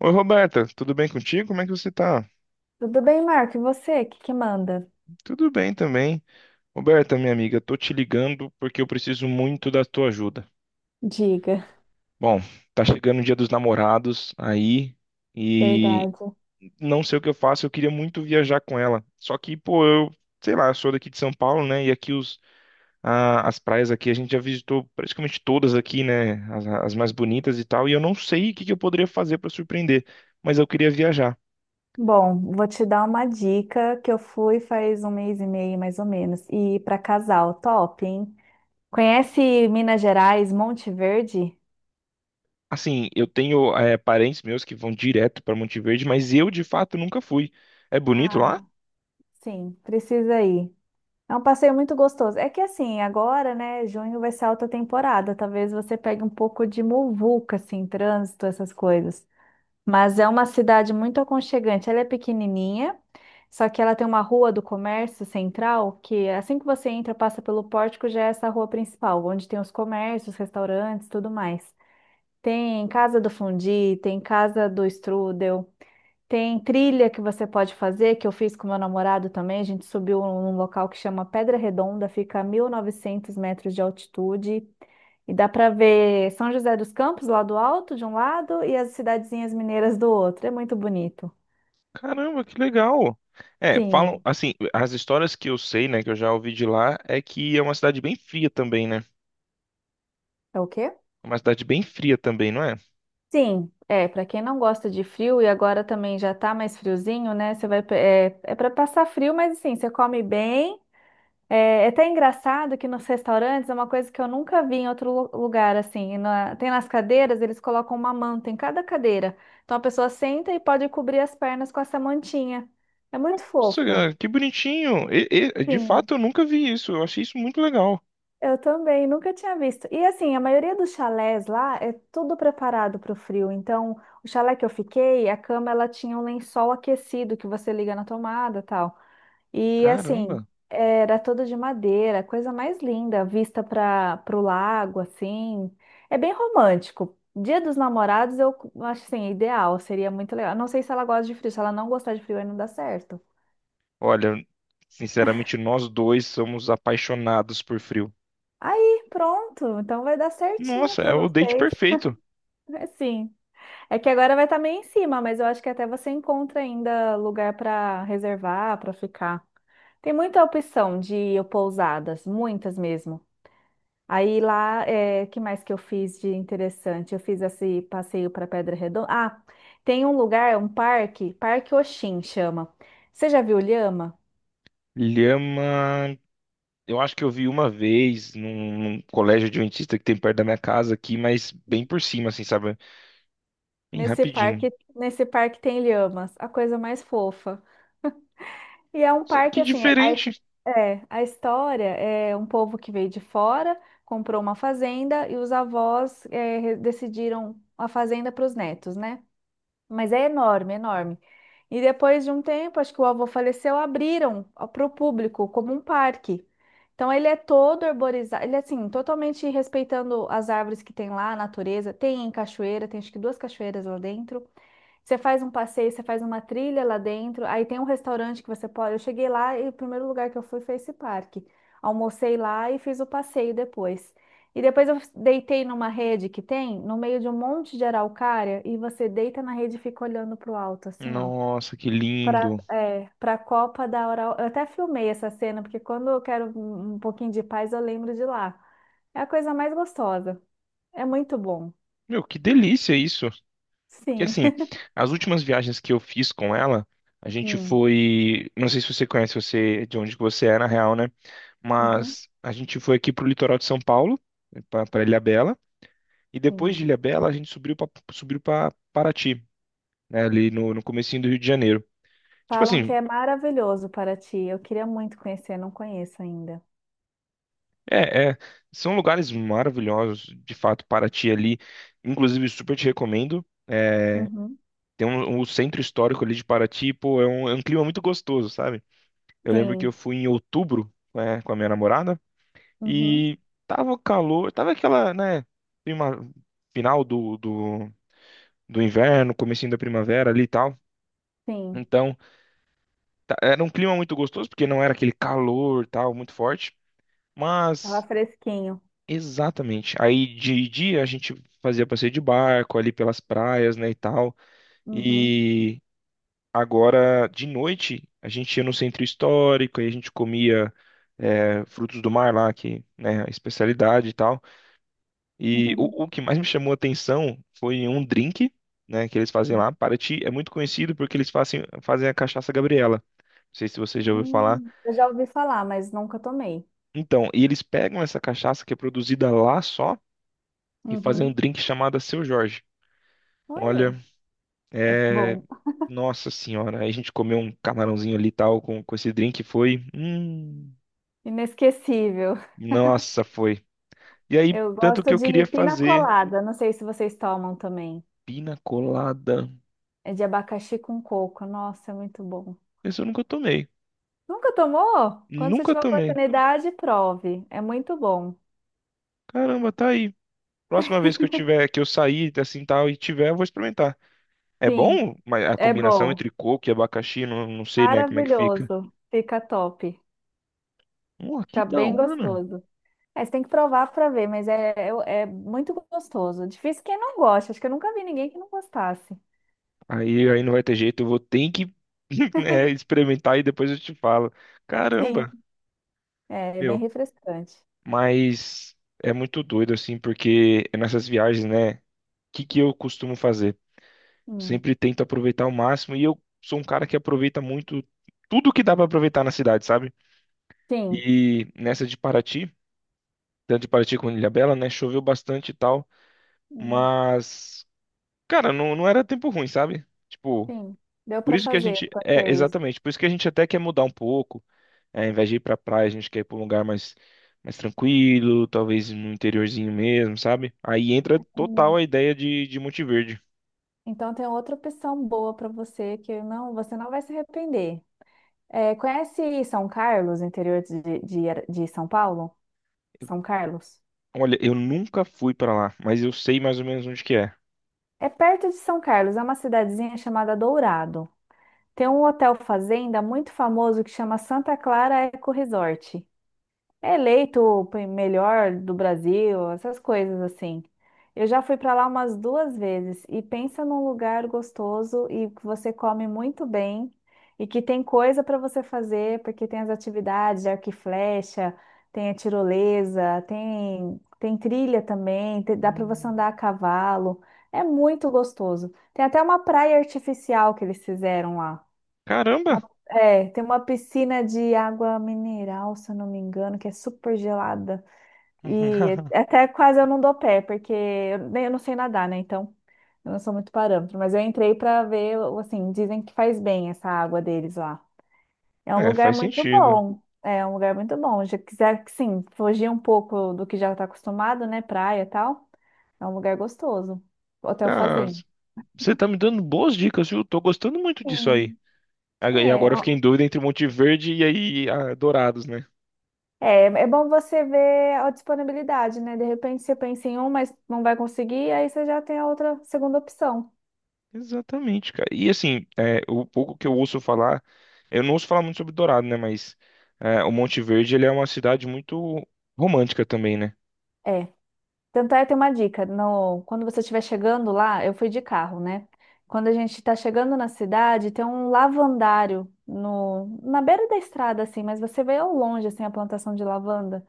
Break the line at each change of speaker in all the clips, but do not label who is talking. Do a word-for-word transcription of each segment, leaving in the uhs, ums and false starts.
Oi, Roberta, tudo bem contigo? Como é que você tá?
Tudo bem, Marco? E você? O que que manda?
Tudo bem também. Roberta, minha amiga, tô te ligando porque eu preciso muito da tua ajuda.
Diga.
Bom, tá chegando o Dia dos Namorados aí e
Verdade.
não sei o que eu faço, eu queria muito viajar com ela. Só que, pô, eu, sei lá, eu sou daqui de São Paulo, né? E aqui os, a- as praias aqui a gente já visitou praticamente todas aqui, né? As, as mais bonitas e tal, e eu não sei o que que eu poderia fazer pra surpreender, mas eu queria viajar.
Bom, vou te dar uma dica que eu fui faz um mês e meio, mais ou menos. E para casal, top, hein? Conhece Minas Gerais, Monte Verde?
Assim, eu tenho é, parentes meus que vão direto para Monte Verde, mas eu de fato nunca fui. É bonito lá?
Ah, sim, precisa ir. É um passeio muito gostoso. É que assim, agora, né, junho vai ser alta temporada. Talvez você pegue um pouco de muvuca, assim, trânsito, essas coisas. Mas é uma cidade muito aconchegante. Ela é pequenininha, só que ela tem uma rua do comércio central que assim que você entra, passa pelo pórtico, já é essa rua principal, onde tem os comércios, restaurantes, tudo mais. Tem casa do fundi, tem casa do strudel. Tem trilha que você pode fazer, que eu fiz com meu namorado também. A gente subiu um, num local que chama Pedra Redonda, fica a mil e novecentos metros de altitude. E dá para ver São José dos Campos lá do alto, de um lado, e as cidadezinhas mineiras do outro. É muito bonito.
Caramba, que legal! É, falam
Sim.
assim, as histórias que eu sei, né, que eu já ouvi de lá, é que é uma cidade bem fria também, né?
É o quê?
Uma cidade bem fria também, não é?
Sim, é, para quem não gosta de frio e agora também já tá mais friozinho, né? Você vai, pe- é, é para passar frio, mas assim, você come bem. É é até engraçado que nos restaurantes é uma coisa que eu nunca vi em outro lu- lugar, assim. Na- tem nas cadeiras, eles colocam uma manta em cada cadeira. Então a pessoa senta e pode cobrir as pernas com essa mantinha. É muito
Nossa,
fofo.
cara, que bonitinho! E- e- de
Sim,
fato, eu nunca vi isso. Eu achei isso muito legal.
eu também, nunca tinha visto. E assim, a maioria dos chalés lá é tudo preparado para o frio. Então, o chalé que eu fiquei, a cama ela tinha um lençol aquecido que você liga na tomada, tal. E assim,
Caramba!
era toda de madeira, coisa mais linda, vista para o lago, assim. É bem romântico. Dia dos Namorados eu acho assim, ideal, seria muito legal. Não sei se ela gosta de frio, se ela não gostar de frio aí não dá certo.
Olha, sinceramente, nós dois somos apaixonados por frio.
Aí, pronto, então vai dar certinho
Nossa,
para
é o date
vocês.
perfeito.
É sim. É que agora vai estar meio em cima, mas eu acho que até você encontra ainda lugar para reservar, para ficar. Tem muita opção de pousadas, muitas mesmo. Aí lá, é, que mais que eu fiz de interessante? Eu fiz esse passeio para Pedra Redonda. Ah, tem um lugar, um parque, Parque Oxin chama. Você já viu lhama?
Lhama. Eu acho que eu vi uma vez num, num colégio adventista que tem perto da minha casa aqui, mas bem por cima, assim, sabe? Bem
Nesse
rapidinho.
parque, nesse parque tem lhamas, a coisa mais fofa. E é um
Nossa, que
parque assim, a,
diferente!
é, a história é um povo que veio de fora, comprou uma fazenda e os avós é, re- decidiram a fazenda para os netos, né? Mas é enorme, enorme. E depois de um tempo, acho que o avô faleceu, abriram para o público como um parque. Então ele é todo arborizado, ele é assim, totalmente respeitando as árvores que tem lá, a natureza. Tem cachoeira, tem acho que duas cachoeiras lá dentro. Você faz um passeio, você faz uma trilha lá dentro, aí tem um restaurante que você pode. Eu cheguei lá e o primeiro lugar que eu fui foi esse parque. Almocei lá e fiz o passeio depois. E depois eu deitei numa rede que tem, no meio de um monte de araucária, e você deita na rede e fica olhando pro alto, assim, ó.
Nossa, que
Pra,
lindo!
é, pra Copa da Oral. Eu até filmei essa cena, porque quando eu quero um um pouquinho de paz, eu lembro de lá. É a coisa mais gostosa. É muito bom.
Meu, que delícia isso! Porque
Sim.
assim, as últimas viagens que eu fiz com ela, a gente
Hum.
foi. Não sei se você conhece você de onde que você é, na real, né?
Uhum.
Mas a gente foi aqui pro litoral de São Paulo, pra, pra Ilhabela, e depois
Sim.
de Ilhabela a gente subiu pra, subiu pra Paraty, né? Ali no, no comecinho do Rio de Janeiro. Tipo
Falam que
assim,
é maravilhoso Paraty. Eu queria muito conhecer, não conheço ainda.
é, é, são lugares maravilhosos, de fato, Paraty ali. Inclusive, super te recomendo. É,
Uhum.
tem um, um centro histórico ali de Paraty, pô, é um, é um clima muito gostoso, sabe? Eu lembro que
Sim,
eu fui em outubro, né, com a minha namorada
uhum.
e tava calor, tava aquela, né, prima- final do, do, do inverno, comecinho da primavera ali e tal.
Sim.
Então, tá- era um clima muito gostoso, porque não era aquele calor, tal, muito forte.
Tava
Mas
fresquinho.
exatamente. Aí de dia a gente fazia passeio de barco ali pelas praias, né, e tal.
Uhum.
E agora de noite a gente ia no centro histórico e a gente comia é, frutos do mar lá, que, né, a especialidade e tal. E o, o que mais me chamou a atenção foi um drink, né, que eles fazem lá. Paraty é muito conhecido porque eles fazem, fazem a cachaça Gabriela. Não sei se você já ouviu falar.
Hum, eu já ouvi falar, mas nunca tomei.
Então, e eles pegam essa cachaça que é produzida lá só e fazem um
Uhum.
drink chamado Seu Jorge.
Olha,
Olha,
é
é.
bom.
Nossa senhora, aí a gente comeu um camarãozinho ali e tal com, com esse drink, foi. Hum,
Inesquecível.
nossa, foi. E aí,
Eu
tanto que
gosto
eu
de
queria
pina
fazer
colada. Não sei se vocês tomam também.
pina colada.
É de abacaxi com coco. Nossa, é muito bom.
Esse eu nunca tomei.
Nunca tomou? Quando você
Nunca
tiver
tomei.
oportunidade, prove. É muito bom.
Caramba, tá aí. Próxima vez que eu tiver, que eu sair assim tal e tiver, eu vou experimentar. É
Sim,
bom? Mas a
é
combinação
bom.
entre coco e abacaxi, não, não sei, né, como é que fica.
Maravilhoso. Fica top.
Pô, que
Fica
da
bem
hora.
gostoso. É, você tem que provar para ver, mas é, é, é muito gostoso. Difícil quem não gosta. Acho que eu nunca vi ninguém que não gostasse.
Aí, aí não vai ter jeito, eu vou ter que é, experimentar e depois eu te falo.
Sim,
Caramba.
é bem
Meu,
refrescante.
mas é muito doido, assim, porque é nessas viagens, né? O que que eu costumo fazer?
Hum.
Sempre tento aproveitar ao máximo e eu sou um cara que aproveita muito tudo que dá pra aproveitar na cidade, sabe?
Sim.
E nessa de Paraty, tanto de Paraty como de Ilhabela, né? Choveu bastante e tal,
Hum,
mas, cara, não, não era tempo ruim, sabe? Tipo,
sim. Deu
por
para
isso que a
fazer
gente.
os
É,
passeios.
exatamente, por isso que a gente até quer mudar um pouco. É, ao invés de ir pra praia, a gente quer ir pra um lugar mais, mais tranquilo, talvez no interiorzinho mesmo, sabe? Aí entra total
Hum.
a ideia de, de Monte Verde.
Então tem outra opção boa para você que não, você não vai se arrepender. É, conhece São Carlos, interior de, de, de São Paulo? São Carlos?
Olha, eu nunca fui pra lá, mas eu sei mais ou menos onde que é.
É perto de São Carlos, é uma cidadezinha chamada Dourado. Tem um hotel fazenda muito famoso que chama Santa Clara Eco Resort. É eleito o pe- melhor do Brasil, essas coisas assim. Eu já fui para lá umas duas vezes e pensa num lugar gostoso e que você come muito bem e que tem coisa para você fazer, porque tem as atividades de arco e flecha, tem a tirolesa, tem, tem trilha também, te- dá para você
Hum.
andar a cavalo. É muito gostoso. Tem até uma praia artificial que eles fizeram lá.
Caramba!
É, tem uma piscina de água mineral, se eu não me engano, que é super gelada. E até quase eu não dou pé, porque eu, nem- eu não sei nadar, né? Então, eu não sou muito parâmetro. Mas eu entrei pra ver, assim, dizem que faz bem essa água deles lá. É um
É,
lugar
faz
muito
sentido.
bom. É um lugar muito bom. Já quiser, sim, fugir um pouco do que já tá acostumado, né? Praia e tal. É um lugar gostoso. Hotel
Cara,
Fazenda.
você tá me dando boas dicas, viu? Tô gostando muito disso
Sim.
aí. Ag- E
É,
agora eu fiquei em dúvida entre Monte Verde e aí ah, Dourados, né?
É, é bom você ver a disponibilidade, né? De repente você pensa em um, mas não vai conseguir, aí você já tem a outra segunda opção.
Exatamente, cara. E assim, é, o pouco que eu ouço falar, eu não ouço falar muito sobre Dourado, né? Mas é, o Monte Verde, ele é uma cidade muito romântica também, né?
É. Tanto é, tem uma dica. No, quando você estiver chegando lá, eu fui de carro, né? Quando a gente está chegando na cidade, tem um lavandário no, na beira da estrada, assim, mas você vê ao longe, assim, a plantação de lavanda.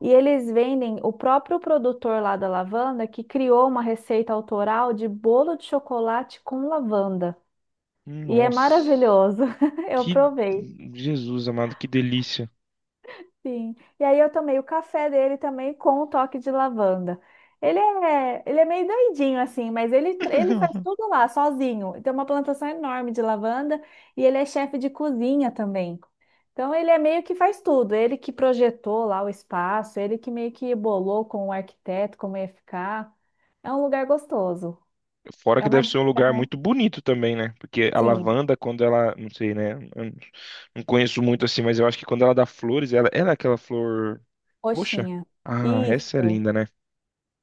E eles vendem o próprio produtor lá da lavanda que criou uma receita autoral de bolo de chocolate com lavanda. E é
Nossa,
maravilhoso. Eu
que
provei,
Jesus amado, que delícia.
sim. E aí eu tomei o café dele também com um toque de lavanda. Ele é, ele é meio doidinho assim, mas ele, ele faz tudo lá sozinho. Tem uma plantação enorme de lavanda e ele é chefe de cozinha também. Então ele é meio que faz tudo. Ele que projetou lá o espaço, ele que meio que bolou com o arquiteto como ia ficar. É um lugar gostoso.
Fora
É
que
uma,
deve
di-
ser um lugar muito bonito também, né? Porque a
sim,
lavanda, quando ela, não sei, né? Eu não conheço muito assim, mas eu acho que quando ela dá flores, ela, ela é aquela flor roxa.
roxinha.
Ah, essa é
Isso.
linda, né?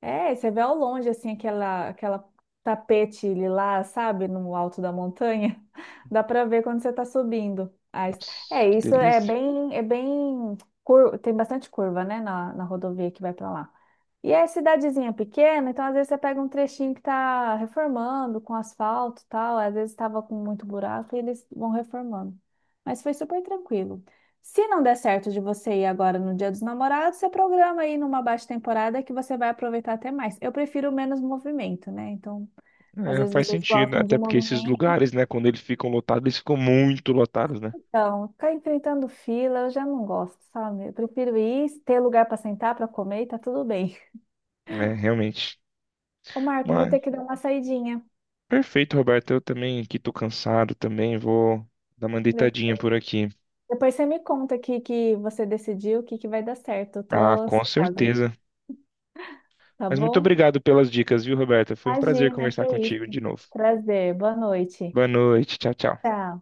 É, você vê ao longe, assim, aquela, aquela tapete lilás, sabe, no alto da montanha. Dá para ver quando você está subindo. a est-
Nossa,
É,
que
isso é
delícia.
bem, é bem, cur- tem bastante curva, né, na, na rodovia que vai para lá. E é cidadezinha pequena, então às vezes você pega um trechinho que tá reformando com asfalto e tal, às vezes estava com muito buraco e eles vão reformando. Mas foi super tranquilo. Se não der certo de você ir agora no Dia dos Namorados, você programa aí numa baixa temporada que você vai aproveitar até mais. Eu prefiro menos movimento, né? Então, às
É,
vezes
faz
vocês
sentido, né?
gostam de
Até porque esses
movimento.
lugares, né, quando eles ficam lotados, eles ficam muito lotados, né?
Então, ficar enfrentando fila, eu já não gosto, sabe? Eu prefiro ir, ter lugar para sentar, para comer, e tá tudo bem.
É, realmente.
Ô, Marco, eu vou
Mas,
ter que dar uma saidinha.
perfeito, Roberto. Eu também aqui tô cansado também, vou dar uma
De-
deitadinha por aqui.
Depois você me conta aqui que você decidiu, o que que vai dar certo. Eu tô
Ah, com
ansiosa,
certeza.
tá
Mas muito
bom?
obrigado pelas dicas, viu, Roberto? Foi um prazer
Imagina, que
conversar
é
contigo
isso.
de novo.
Prazer, boa noite.
Boa noite, tchau, tchau.
Tchau.